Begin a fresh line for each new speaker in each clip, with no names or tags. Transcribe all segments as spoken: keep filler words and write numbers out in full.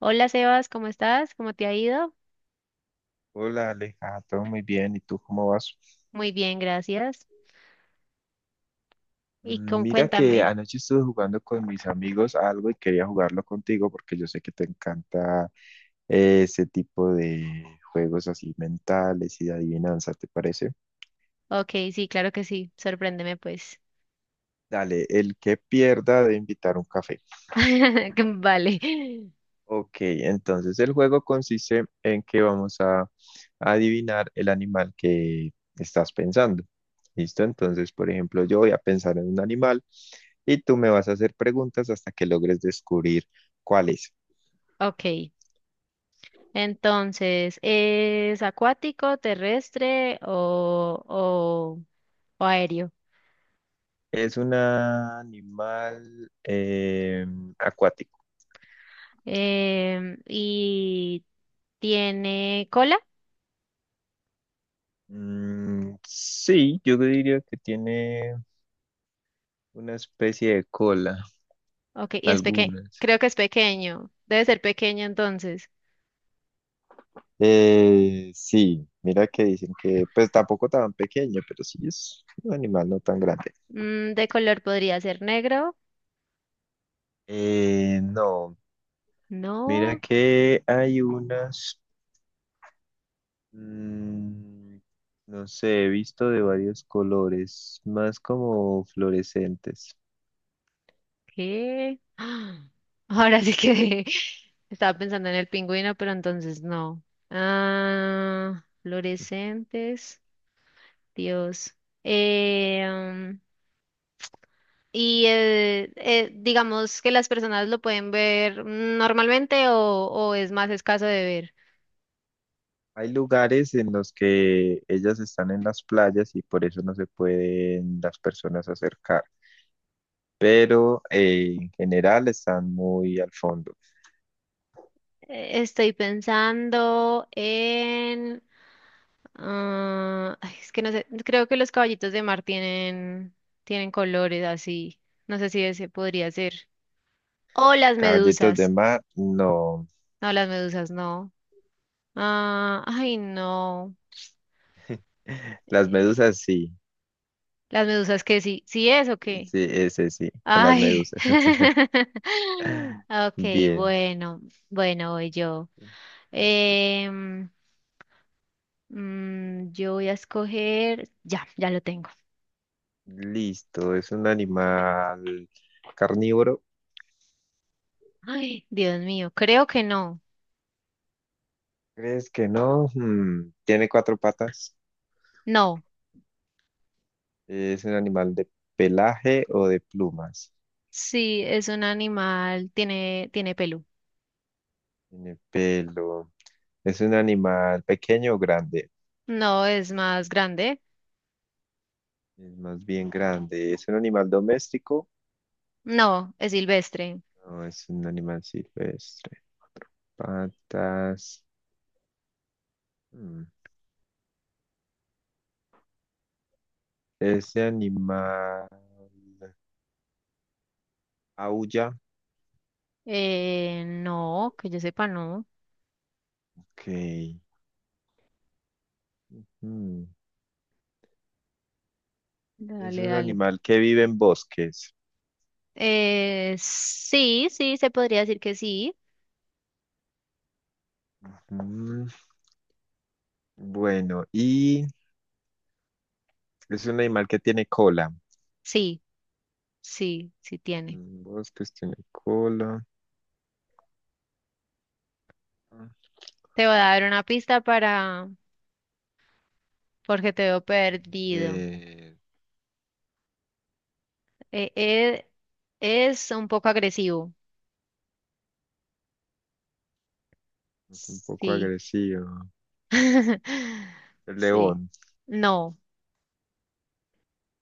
Hola Sebas, ¿cómo estás? ¿Cómo te ha ido?
Hola Aleja, todo muy bien. ¿Y tú cómo vas?
Muy bien, gracias. Y
Mm,
con-
Mira que
cuéntame.
anoche estuve jugando con mis amigos algo y quería jugarlo contigo porque yo sé que te encanta eh, ese tipo de juegos así mentales y de adivinanza, ¿te parece?
Ok, sí, claro que sí. Sorpréndeme, pues.
Dale, el que pierda de invitar un café.
Vale.
Ok, entonces el juego consiste en que vamos a adivinar el animal que estás pensando. ¿Listo? Entonces, por ejemplo, yo voy a pensar en un animal y tú me vas a hacer preguntas hasta que logres descubrir cuál es.
Ok. Entonces, ¿es acuático, terrestre o, o, o aéreo?
Es un animal em, acuático.
Em, ¿y tiene cola?
Mm, sí, yo diría que tiene una especie de cola,
Ok, y es pequeño.
algunas.
Creo que es pequeño. Debe ser pequeño entonces.
Eh, sí, mira que dicen que pues tampoco tan pequeño, pero sí es un animal no tan grande.
Mm, ¿de color podría ser negro?
Eh, no,
No.
mira que hay unas, mm, no sé, he visto de varios colores, más como fluorescentes.
¿Qué? ¡Ah! Ahora sí que estaba pensando en el pingüino, pero entonces no. Ah, fluorescentes, Dios. Eh, um, y eh, eh, digamos que las personas lo pueden ver normalmente o, o es más escaso de ver.
Hay lugares en los que ellas están en las playas y por eso no se pueden las personas acercar, pero eh, en general están muy al fondo.
Eh, Estoy pensando en, ah, ay, es que no sé, creo que los caballitos de mar tienen, tienen colores así. No sé si ese podría ser. O las
Caballitos de
medusas.
mar, no.
No, las medusas no. Ah, ay, no.
Las
Eh,
medusas, sí.
las medusas, que sí, sí es o qué.
Sí, ese sí, con las
Ay.
medusas.
Okay,
Bien,
bueno, bueno, voy yo.
listo.
Em, mm, yo voy a escoger. Ya, ya lo tengo.
Listo, es un animal carnívoro.
Ay, Dios mío, creo que no.
¿Crees que no? Hmm, Tiene cuatro patas.
No,
Es un animal de pelaje o de plumas.
sí, es un animal, tiene, tiene pelo.
Tiene pelo. ¿Es un animal pequeño o grande?
No, es más grande.
Es más bien grande. ¿Es un animal doméstico?
No, es silvestre.
No, es un animal silvestre. Patas. Hmm, Ese animal. Aulla,
Eh, no, que yo sepa, no.
ok. Mm, Es
Dale,
un
dale.
animal que vive en bosques.
Eh, sí, sí, se podría decir que sí.
Mm, Bueno, y es un animal que tiene cola.
Sí, sí, sí tiene.
Mm, Bosques tiene cola.
Te voy a dar una pista para, porque te veo perdido.
Eh,
Eh, eh, es un poco agresivo.
es un poco
Sí.
agresivo. El
Sí.
león.
No,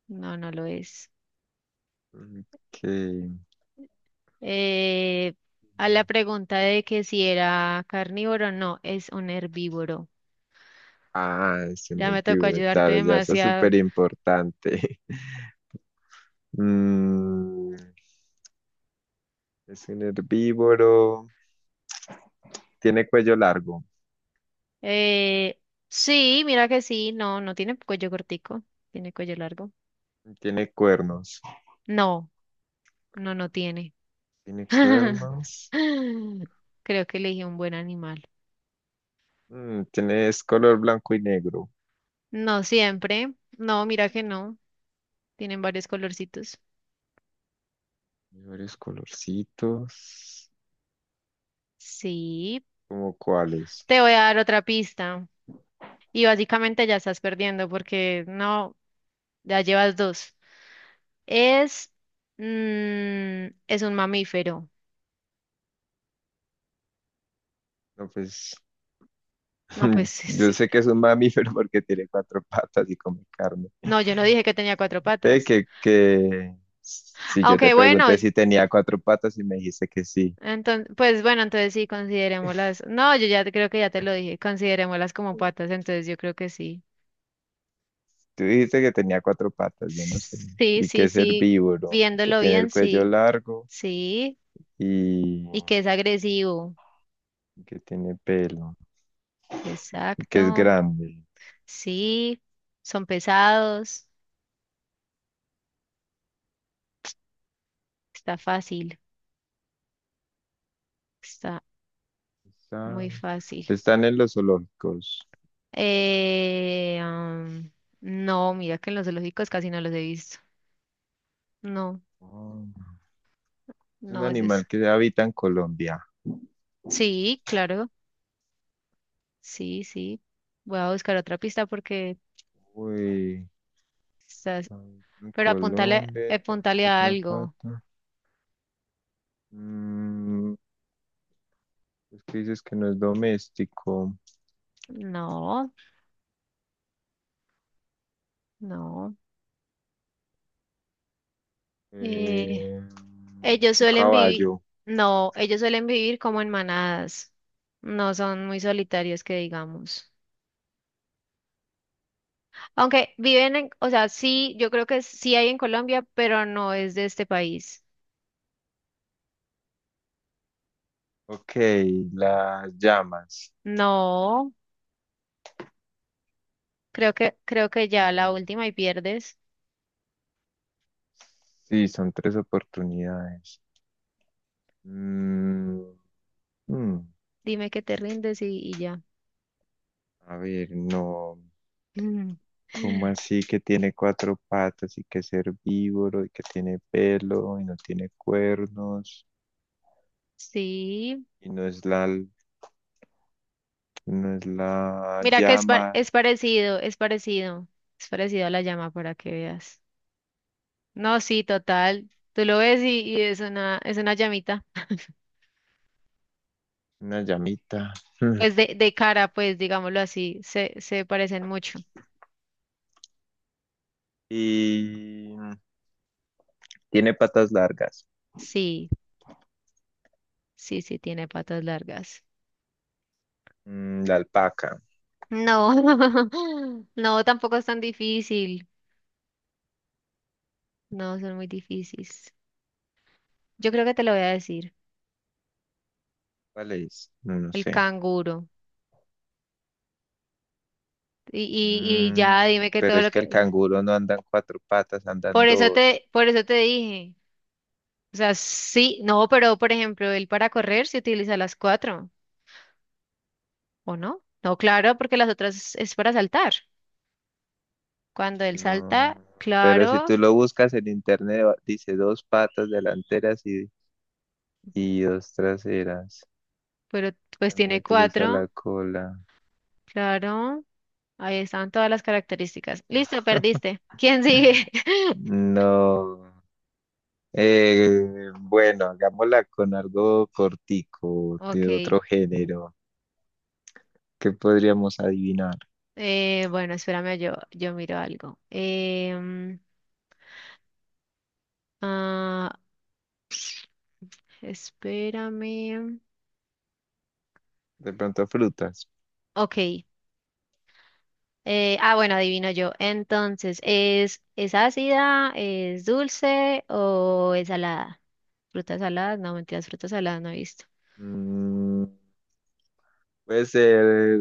no, no lo es.
Mm, ok.
Eh, a la pregunta de que si era carnívoro, no, es un herbívoro.
Ah, es un
Ya me tocó
herbívoro,
ayudarte
claro, ya eso es
demasiado.
súper importante. Mm, es un herbívoro. Tiene cuello largo.
Eh, sí, mira que sí, no, no tiene cuello cortico, tiene cuello largo.
Tiene cuernos.
No, no, no tiene.
Tiene cuernos.
Creo que elegí un buen animal.
Mm, tiene, es color blanco y negro.
No siempre, no, mira que no, tienen varios colorcitos.
Tiene varios colorcitos.
Sí,
¿Cómo cuáles?
te voy a dar otra pista y básicamente ya estás perdiendo porque no, ya llevas dos. Es, mm, es un mamífero.
No, pues
No, pues
yo
sí.
sé que es un mamífero porque tiene cuatro patas y come carne.
No, yo no dije que tenía cuatro
Sé
patas.
que, que si yo te
Aunque bueno,
pregunté si tenía cuatro patas y me dijiste que sí.
entonces, pues bueno, entonces sí, considerémoslas. No, yo ya te- creo que ya te lo dije, considerémoslas como patas, entonces yo creo que sí.
Tú dijiste que tenía cuatro patas, yo no sé.
Sí,
Y que
sí,
es
sí,
herbívoro, que
viéndolo
tiene el
bien,
cuello
sí,
largo
sí,
y
y que es agresivo.
y que tiene pelo, y que es
Exacto,
grande.
sí, son pesados, está fácil, está
Está-
muy fácil.
Están en los zoológicos.
Eh, am, no, mira que en los zoológicos casi no los he visto. No,
Oh, es un
no es eso.
animal que habita en Colombia.
Sí, claro. Sí, sí. Voy a buscar otra pista porque
Uy,
estás.
habita en
Pero apuntale,
Colombia, tiene
apuntale a
cuatro
algo.
patas. Mm, es que dices que no es doméstico.
No, no. Eh,
Eh,
Ellos
un
suelen vivir.
caballo.
No, ellos suelen vivir como en manadas. No son muy solitarios que digamos. Aunque viven en, o sea, sí, yo creo que sí hay en Colombia, pero no es de este país.
Ok, las llamas.
No, creo que, creo que ya
Eh,
la última y pierdes.
Sí, son tres oportunidades. Mm, mm,
Dime que te rindes y, y ya.
a ver, no. ¿Cómo así que tiene cuatro patas y que es herbívoro y que tiene pelo y no tiene cuernos
Sí.
y no es la, no es la
Mira que es, pa-
llama,
es parecido, es parecido, es parecido a la llama para que veas. No, sí, total. Tú lo ves y, y es una, es una llamita.
una llamita? Hmm.
Pues de, de cara, pues digámoslo así, se, se parecen mucho.
Y tiene patas largas.
Sí, sí, sí, tiene patas largas.
Mm, la alpaca,
No, no, tampoco es tan difícil. No, son muy difíciles. Yo creo que te lo voy a decir.
¿cuál es? No, no
El
sé.
canguro. Y, y, y ya
Mm,
dime que
pero
todo
es
lo
que
que.
el canguro no andan cuatro patas, andan
Por eso
dos.
te, por eso te dije. O sea, sí, no, pero por ejemplo, él para correr se utiliza las cuatro, ¿o no? No, claro, porque las otras es para saltar. Cuando él
No,
salta,
pero si
claro,
tú lo buscas en internet, va- dice dos patas delanteras y, y dos traseras.
pero pues
También
tiene
utiliza
cuatro,
la cola.
claro. Ahí están todas las características. Listo, perdiste. ¿Quién sigue?
No. Eh, bueno, hagámosla con algo cortico, de
Ok.
otro género. ¿Qué podríamos adivinar?
Eh, bueno, espérame, yo, yo miro algo. Em, ah, Espérame.
De pronto frutas.
Ok. Eh, ah, bueno, adivino yo. Entonces, ¿es, es ácida, es dulce o es salada? Frutas saladas, no, mentiras, frutas saladas no he visto.
Mm, puede ser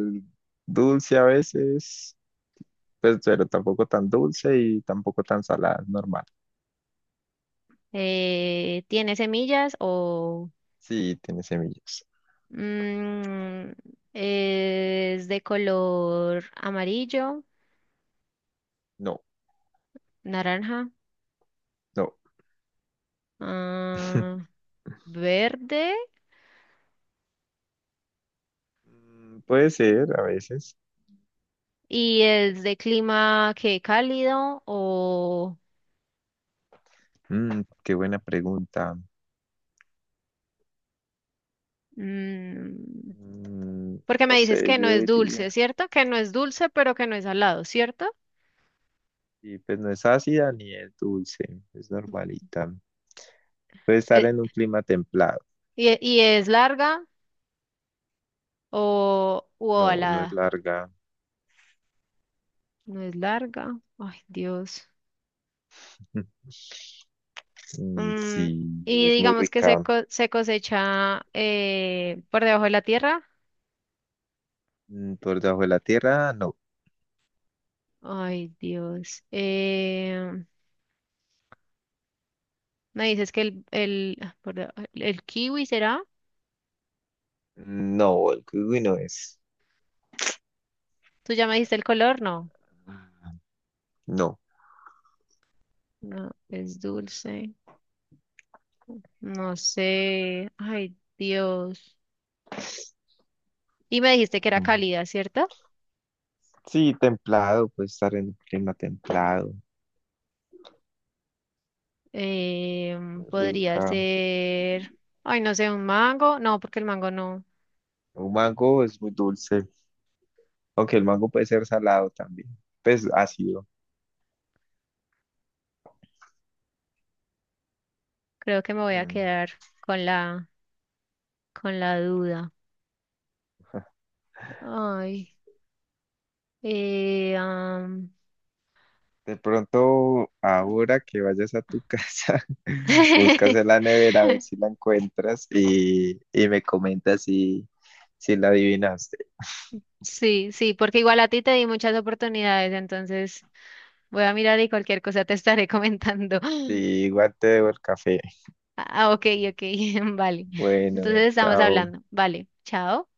dulce a veces, pues, pero tampoco tan dulce y tampoco tan salada, normal.
Eh, ¿tiene semillas o
Sí, tiene semillas.
mm, es de color amarillo,
No,
naranja,
no.
ah, verde?
Mm, Puede ser a veces.
¿Y es de clima que cálido o?
Mm, qué buena pregunta.
mm,
Mm,
Porque
no
me dices
sé,
que no
yo
es
diría.
dulce, ¿cierto? Que no es dulce, pero que no es salado, ¿cierto?
Y pues no es ácida ni es dulce, es normalita. Puede estar
Eh,
en un clima templado.
y, e- y es larga o u
No, no es
ovalada.
larga.
No es larga. Ay, Dios.
Mm,
Mm,
sí,
y
es muy
digamos que se,
rica.
co- se cosecha eh, por debajo de la tierra.
Mm, Por debajo de la tierra, no.
Ay, Dios. Eh, me dices que el, el, ah, por deba- el kiwi será.
No, el kiwi no es.
¿Tú ya me dijiste el color? No.
Ah, no.
No, es dulce. No sé. Ay, Dios. Y me dijiste que era
Mm,
cálida, ¿cierto?
sí, templado, puede estar en un clima templado,
Em,
muy
podría
rica.
ser, ay, no sé, un mango. No, porque el mango no.
Un mango es muy dulce, aunque el mango puede ser salado también, pues ácido.
Creo que me voy a
Mm,
quedar con la, con la duda. Ay, eh, am,
De pronto, ahora que vayas a tu casa, buscas en la nevera a ver si la encuentras y, y me comentas si, si la adivinaste.
Sí, sí, porque igual a ti te di muchas oportunidades, entonces voy a mirar y cualquier cosa te estaré comentando.
Y igual te debo el café.
Ah, ok, ok, vale.
Bueno,
Entonces estamos
chao.
hablando. Vale, chao.